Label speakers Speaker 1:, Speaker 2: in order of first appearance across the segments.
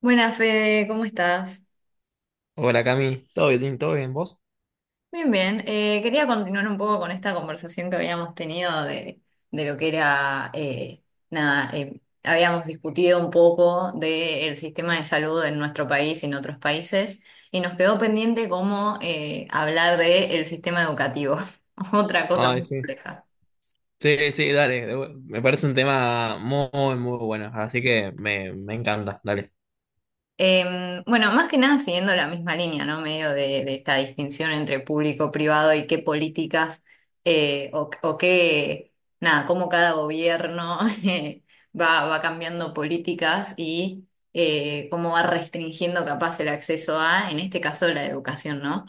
Speaker 1: Buenas, Fede, ¿cómo estás?
Speaker 2: Hola Cami, ¿todo bien? ¿Todo bien vos?
Speaker 1: Bien, bien. Quería continuar un poco con esta conversación que habíamos tenido de lo que era, nada, habíamos discutido un poco del sistema de salud en nuestro país y en otros países, y nos quedó pendiente cómo hablar del sistema educativo, otra cosa
Speaker 2: Ay,
Speaker 1: muy
Speaker 2: sí.
Speaker 1: compleja.
Speaker 2: Sí, sí, dale. Me parece un tema muy, muy bueno, así que me encanta, dale.
Speaker 1: Bueno, más que nada siguiendo la misma línea, ¿no? Medio de esta distinción entre público-privado y qué políticas o qué, nada, cómo cada gobierno eh, va cambiando políticas y cómo va restringiendo capaz el acceso a, en este caso, la educación, ¿no?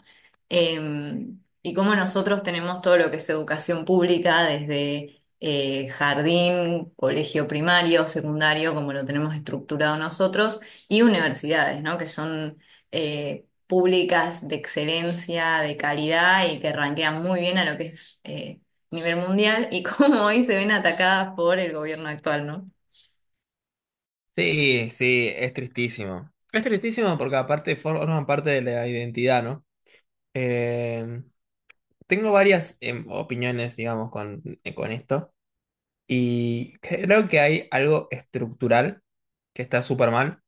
Speaker 1: Y cómo nosotros tenemos todo lo que es educación pública desde jardín, colegio primario, secundario, como lo tenemos estructurado nosotros y universidades, ¿no? Que son públicas de excelencia, de calidad y que ranquean muy bien a lo que es nivel mundial, y cómo hoy se ven atacadas por el gobierno actual, ¿no?
Speaker 2: Sí, sí, es tristísimo. Es tristísimo porque aparte forman parte de la identidad, ¿no? Eh, Tengo varias opiniones, digamos, con esto y creo que hay algo estructural que está súper mal.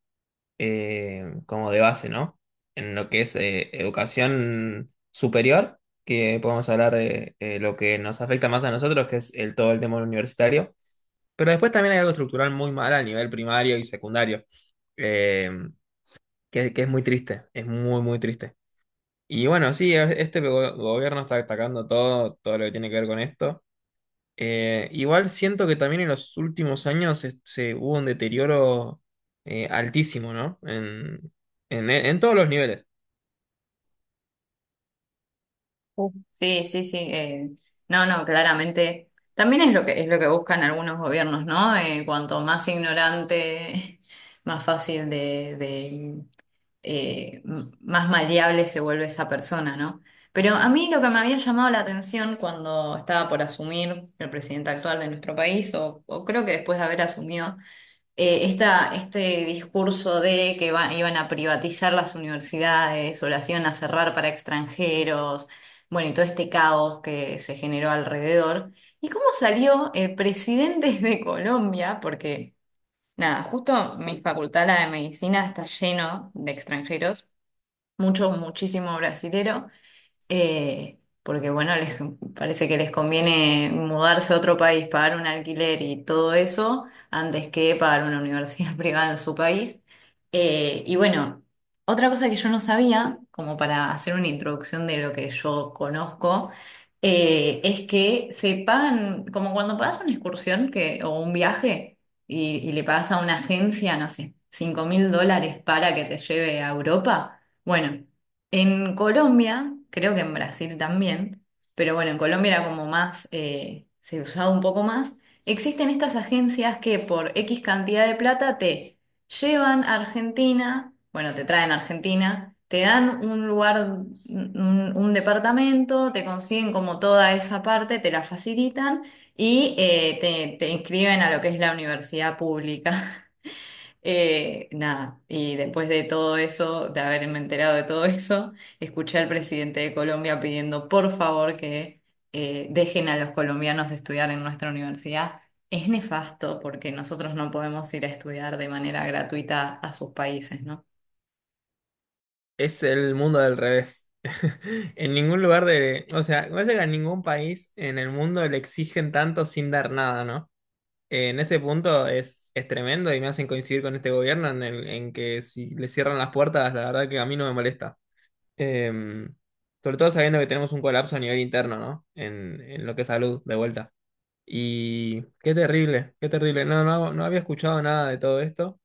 Speaker 2: Como de base, ¿no? En lo que es educación superior, que podemos hablar de lo que nos afecta más a nosotros, que es todo el tema universitario. Pero después también hay algo estructural muy mal a nivel primario y secundario, eh, que es muy triste, es muy, muy triste. Y bueno, sí, este gobierno está atacando todo, todo lo que tiene que ver con esto. Igual siento que también en los últimos años se hubo un deterioro altísimo, ¿no? En todos los niveles.
Speaker 1: Ujú. Sí, sí, sí. No, no, claramente. También es lo que buscan algunos gobiernos, ¿no? Cuanto más ignorante, más fácil de, más maleable se vuelve esa persona, ¿no? Pero a mí lo que me había llamado la atención cuando estaba por asumir el presidente actual de nuestro país, o creo que después de haber asumido, este discurso de que iban a privatizar las universidades o las iban a cerrar para extranjeros, bueno, y todo este caos que se generó alrededor. ¿Y cómo salió el presidente de Colombia? Porque, nada, justo mi facultad, la de medicina, está lleno de extranjeros, mucho, muchísimo brasilero, porque bueno, les parece que les conviene mudarse a otro país, pagar un alquiler y todo eso, antes que pagar una universidad privada en su país. Y bueno, otra cosa que yo no sabía, como para hacer una introducción de lo que yo conozco, es que se pagan, como cuando pagas una excursión que, o un viaje, y le pagas a una agencia, no sé, 5000 dólares para que te lleve a Europa. Bueno, en Colombia, creo que en Brasil también, pero bueno, en Colombia era como más, se usaba un poco más, existen estas agencias que por X cantidad de plata te llevan a Argentina, bueno, te traen a Argentina, te dan un lugar, un departamento, te consiguen como toda esa parte, te la facilitan, y te inscriben a lo que es la universidad pública. Nada, y después de todo eso, de haberme enterado de todo eso, escuché al presidente de Colombia pidiendo por favor que dejen a los colombianos estudiar en nuestra universidad. Es nefasto porque nosotros no podemos ir a estudiar de manera gratuita a sus países, ¿no?
Speaker 2: Es el mundo del revés. En ningún lugar de. O sea, me parece que a ningún país en el mundo le exigen tanto sin dar nada, ¿no? En ese punto es tremendo y me hacen coincidir con este gobierno en que si le cierran las puertas, la verdad que a mí no me molesta. Em, Sobre todo sabiendo que tenemos un colapso a nivel interno, ¿no? En lo que es salud, de vuelta. Y qué terrible, qué terrible. No, no, no había escuchado nada de todo esto.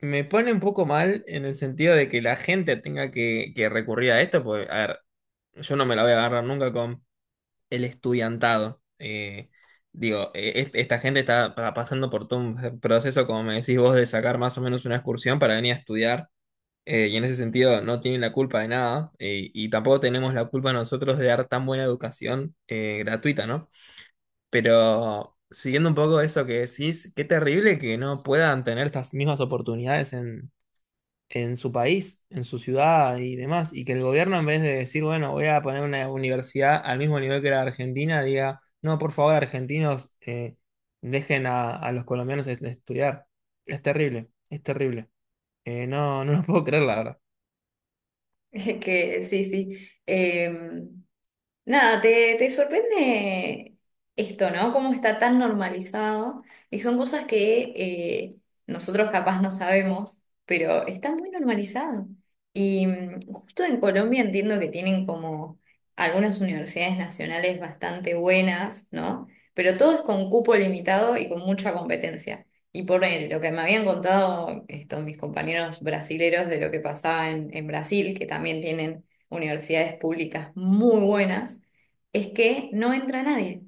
Speaker 2: Me pone un poco mal en el sentido de que la gente tenga que recurrir a esto, porque, a ver, yo no me la voy a agarrar nunca con el estudiantado. Digo, esta gente está pasando por todo un proceso, como me decís vos, de sacar más o menos una excursión para venir a estudiar. Y en ese sentido no tienen la culpa de nada, y tampoco tenemos la culpa nosotros de dar tan buena educación gratuita, ¿no? Pero siguiendo un poco eso que decís, qué terrible que no puedan tener estas mismas oportunidades en su país, en su ciudad y demás, y que el gobierno en vez de decir, bueno, voy a poner una universidad al mismo nivel que la Argentina, diga, no, por favor, argentinos, dejen a los colombianos estudiar. Es terrible, es terrible. No, no lo puedo creer, la verdad.
Speaker 1: Que sí, sí. Em, Nada, te sorprende esto, ¿no? Cómo está tan normalizado y son cosas que nosotros capaz no sabemos, pero está muy normalizado. Y justo en Colombia entiendo que tienen como algunas universidades nacionales bastante buenas, ¿no? Pero todo es con cupo limitado y con mucha competencia. Y por lo que me habían contado estos mis compañeros brasileros de lo que pasaba en Brasil, que también tienen universidades públicas muy buenas, es que no entra nadie.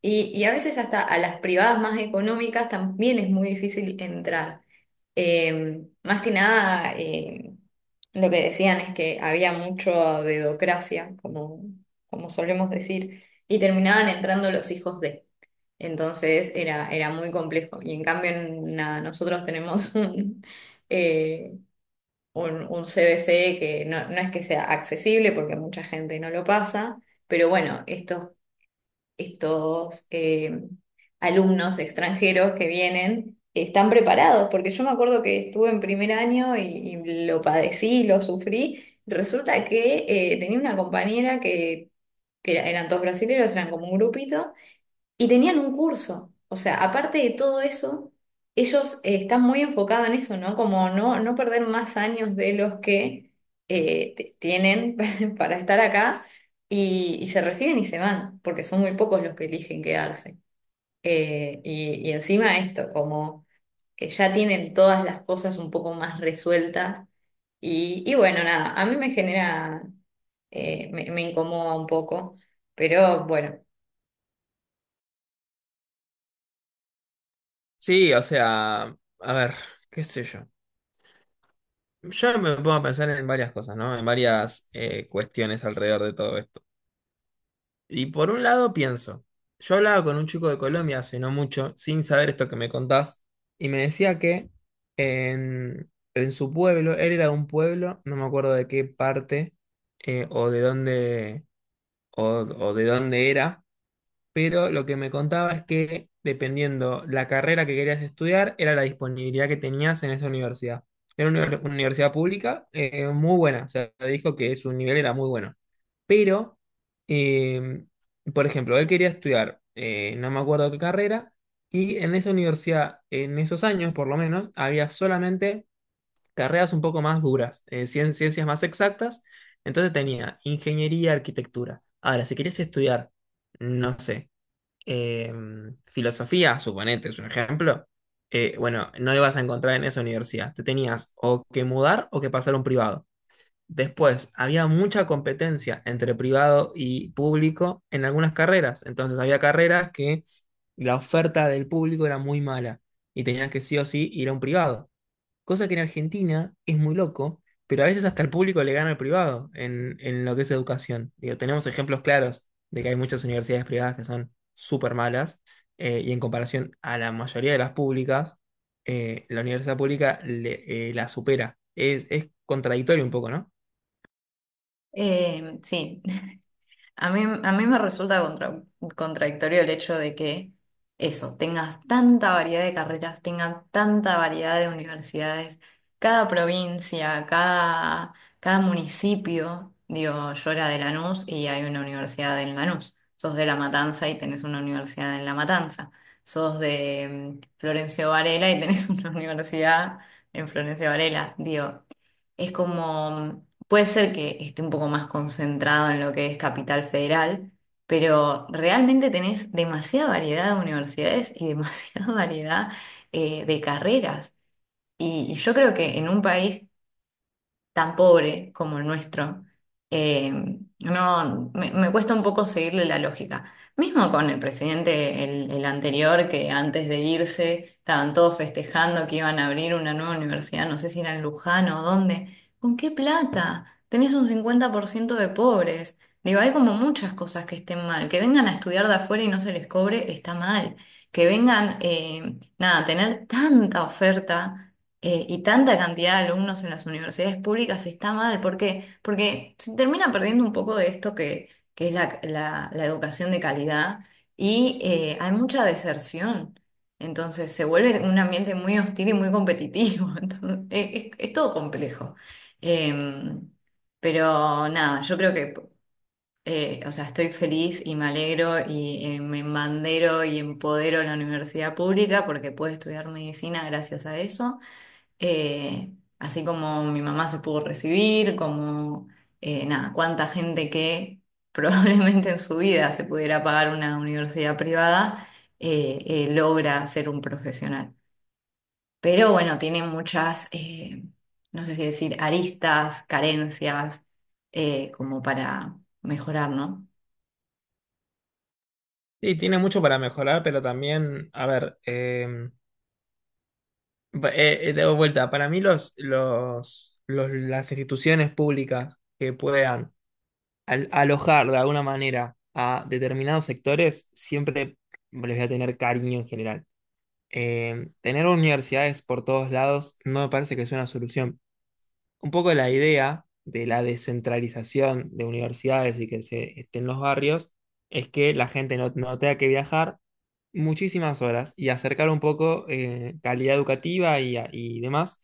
Speaker 1: Y a veces hasta a las privadas más económicas también es muy difícil entrar. Más que nada, lo que decían es que había mucho dedocracia, como solemos decir, y terminaban entrando los hijos de. Entonces era muy complejo. Y en cambio, nada, nosotros tenemos eh, un CBC que no, no es que sea accesible porque mucha gente no lo pasa, pero bueno, estos, estos alumnos extranjeros que vienen están preparados, porque yo me acuerdo que estuve en primer año y lo padecí, lo sufrí. Resulta que tenía una compañera eran todos brasileños, eran como un grupito. Y tenían un curso. O sea, aparte de todo eso, ellos están muy enfocados en eso, ¿no? Como no, no perder más años de los que tienen para estar acá, y se reciben y se van, porque son muy pocos los que eligen quedarse. Y encima esto, como que ya tienen todas las cosas un poco más resueltas. Y bueno, nada, a mí me genera, me incomoda un poco, pero bueno.
Speaker 2: Sí, o sea, a ver, qué sé yo. Yo me pongo a pensar en varias cosas, ¿no? En varias cuestiones alrededor de todo esto. Y por un lado pienso, yo hablaba con un chico de Colombia hace no mucho, sin saber esto que me contás, y me decía que en, en su pueblo, él era de un pueblo, no me acuerdo de qué parte o de dónde o, o de dónde era, pero lo que me contaba es que dependiendo la carrera que querías estudiar, era la disponibilidad que tenías en esa universidad. Era una una universidad pública muy buena, o sea, dijo que su nivel era muy bueno. Pero, eh, por ejemplo, él quería estudiar, no me acuerdo qué carrera, y en esa universidad, en esos años por lo menos, había solamente carreras un poco más duras, ciencias más exactas, entonces tenía ingeniería, arquitectura. Ahora, si querías estudiar, no sé eh, filosofía, suponete, es un ejemplo, bueno, no lo ibas a encontrar en esa universidad. Te tenías o que mudar o que pasar a un privado. Después, había mucha competencia entre privado y público en algunas carreras. Entonces, había carreras que la oferta del público era muy mala y tenías que sí o sí ir a un privado. Cosa que en Argentina es muy loco, pero a veces hasta el público le gana al privado en lo que es educación. Digo, tenemos ejemplos claros de que hay muchas universidades privadas que son súper malas y en comparación a la mayoría de las públicas, la universidad pública la supera. Es contradictorio un poco, ¿no?
Speaker 1: Sí. A mí me resulta contradictorio el hecho de que eso, tengas tanta variedad de carreras, tengas tanta variedad de universidades, cada provincia, cada municipio. Digo, yo era de Lanús y hay una universidad en Lanús. Sos de La Matanza y tenés una universidad en La Matanza. Sos de Florencio Varela y tenés una universidad en Florencio Varela. Digo, es como, puede ser que esté un poco más concentrado en lo que es Capital Federal, pero realmente tenés demasiada variedad de universidades y demasiada variedad de carreras. Y yo creo que en un país tan pobre como el nuestro, eh, no, me cuesta un poco seguirle la lógica. Mismo con el presidente, el anterior, que antes de irse estaban todos festejando que iban a abrir una nueva universidad, no sé si era en Luján o dónde. ¿Con qué plata? Tenés un 50% de pobres. Digo, hay como muchas cosas que estén mal. Que vengan a estudiar de afuera y no se les cobre, está mal. Que vengan, nada, a tener tanta oferta y tanta cantidad de alumnos en las universidades públicas está mal. ¿Por qué? Porque se termina perdiendo un poco de esto que es la educación de calidad, y hay mucha deserción. Entonces se vuelve un ambiente muy hostil y muy competitivo. Entonces, es todo complejo. Em, pero nada, yo creo que, o sea, estoy feliz y me alegro y me embandero y empodero a la universidad pública porque pude estudiar medicina gracias a eso, eh, así como mi mamá se pudo recibir, como nada, cuánta gente que probablemente en su vida se pudiera pagar una universidad privada logra ser un profesional. Pero bueno, tiene muchas, no sé si decir, aristas, carencias, como para mejorar, ¿no?
Speaker 2: Sí, tiene mucho para mejorar, pero también, a ver, de vuelta, para mí las instituciones públicas que puedan al alojar de alguna manera a determinados sectores, siempre les voy a tener cariño en general. Tener universidades por todos lados no me parece que sea una solución. Un poco la idea de la descentralización de universidades y que se esté en los barrios es que la gente no tenga que viajar muchísimas horas y acercar un poco calidad educativa y, y demás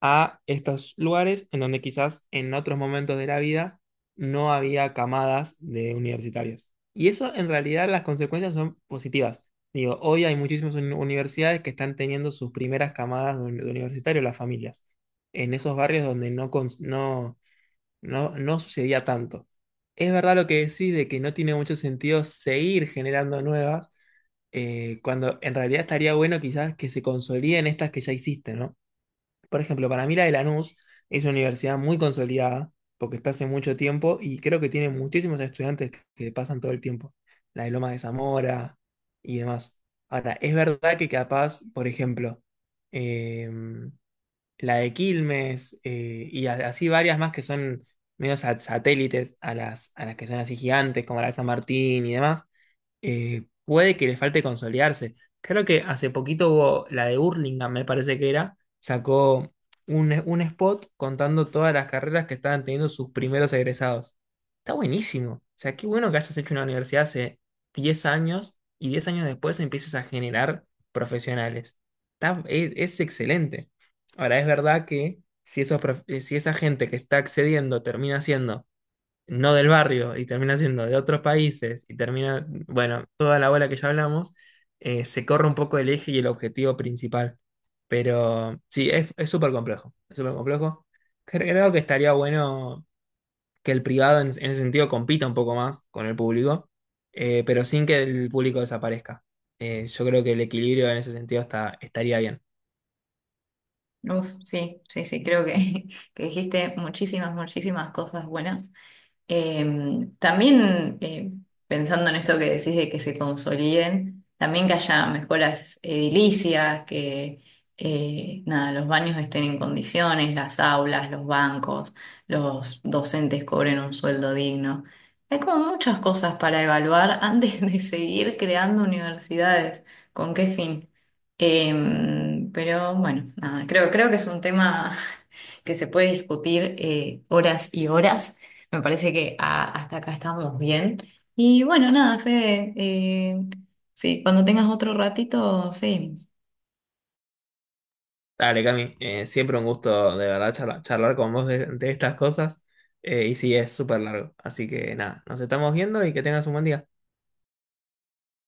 Speaker 2: a estos lugares en donde quizás en otros momentos de la vida no había camadas de universitarios. Y eso en realidad las consecuencias son positivas. Digo, hoy hay muchísimas universidades que están teniendo sus primeras camadas de universitarios, las familias en esos barrios donde no sucedía tanto. Es verdad lo que decís de que no tiene mucho sentido seguir generando nuevas, cuando en realidad estaría bueno quizás que se consoliden estas que ya hiciste, ¿no? Por ejemplo, para mí la de Lanús es una universidad muy consolidada, porque está hace mucho tiempo y creo que tiene muchísimos estudiantes que pasan todo el tiempo. La de Lomas de Zamora y demás. Ahora, es verdad que capaz, por ejemplo, em, la de Quilmes, y así varias más que son medio satélites a las que son así gigantes, como la de San Martín y demás puede que le falte consolidarse. Creo que hace poquito hubo la de Hurlingham, me parece que era, sacó un spot contando todas las carreras que estaban teniendo sus primeros egresados. Está buenísimo. O sea, qué bueno que hayas hecho una universidad hace 10 años y 10 años después empieces a generar profesionales. Es excelente. Ahora, es verdad que si esa gente que está accediendo termina siendo no del barrio y termina siendo de otros países y termina, bueno, toda la bola que ya hablamos, se corre un poco el eje y el objetivo principal. Pero sí, es súper complejo, es súper complejo. Creo que estaría bueno que el privado en ese sentido compita un poco más con el público, pero sin que el público desaparezca. Yo creo que el equilibrio en ese sentido estaría bien.
Speaker 1: Uf, sí, sí, sí, creo que, que dijiste muchísimas, muchísimas cosas buenas. También pensando en esto que decís de que se consoliden, también que haya mejoras edilicias, que nada, los baños estén en condiciones, las aulas, los bancos, los docentes cobren un sueldo digno. Hay como muchas cosas para evaluar antes de seguir creando universidades. ¿Con qué fin? Pero bueno, nada, creo que es un tema que se puede discutir horas y horas. Me parece que hasta acá estamos bien. Y bueno, nada, Fede, sí, cuando tengas otro ratito, seguimos.
Speaker 2: Dale, Cami, siempre un gusto de verdad charlar, con vos de estas cosas. Y sí, es súper largo. Así que nada, nos estamos viendo y que tengas un buen día.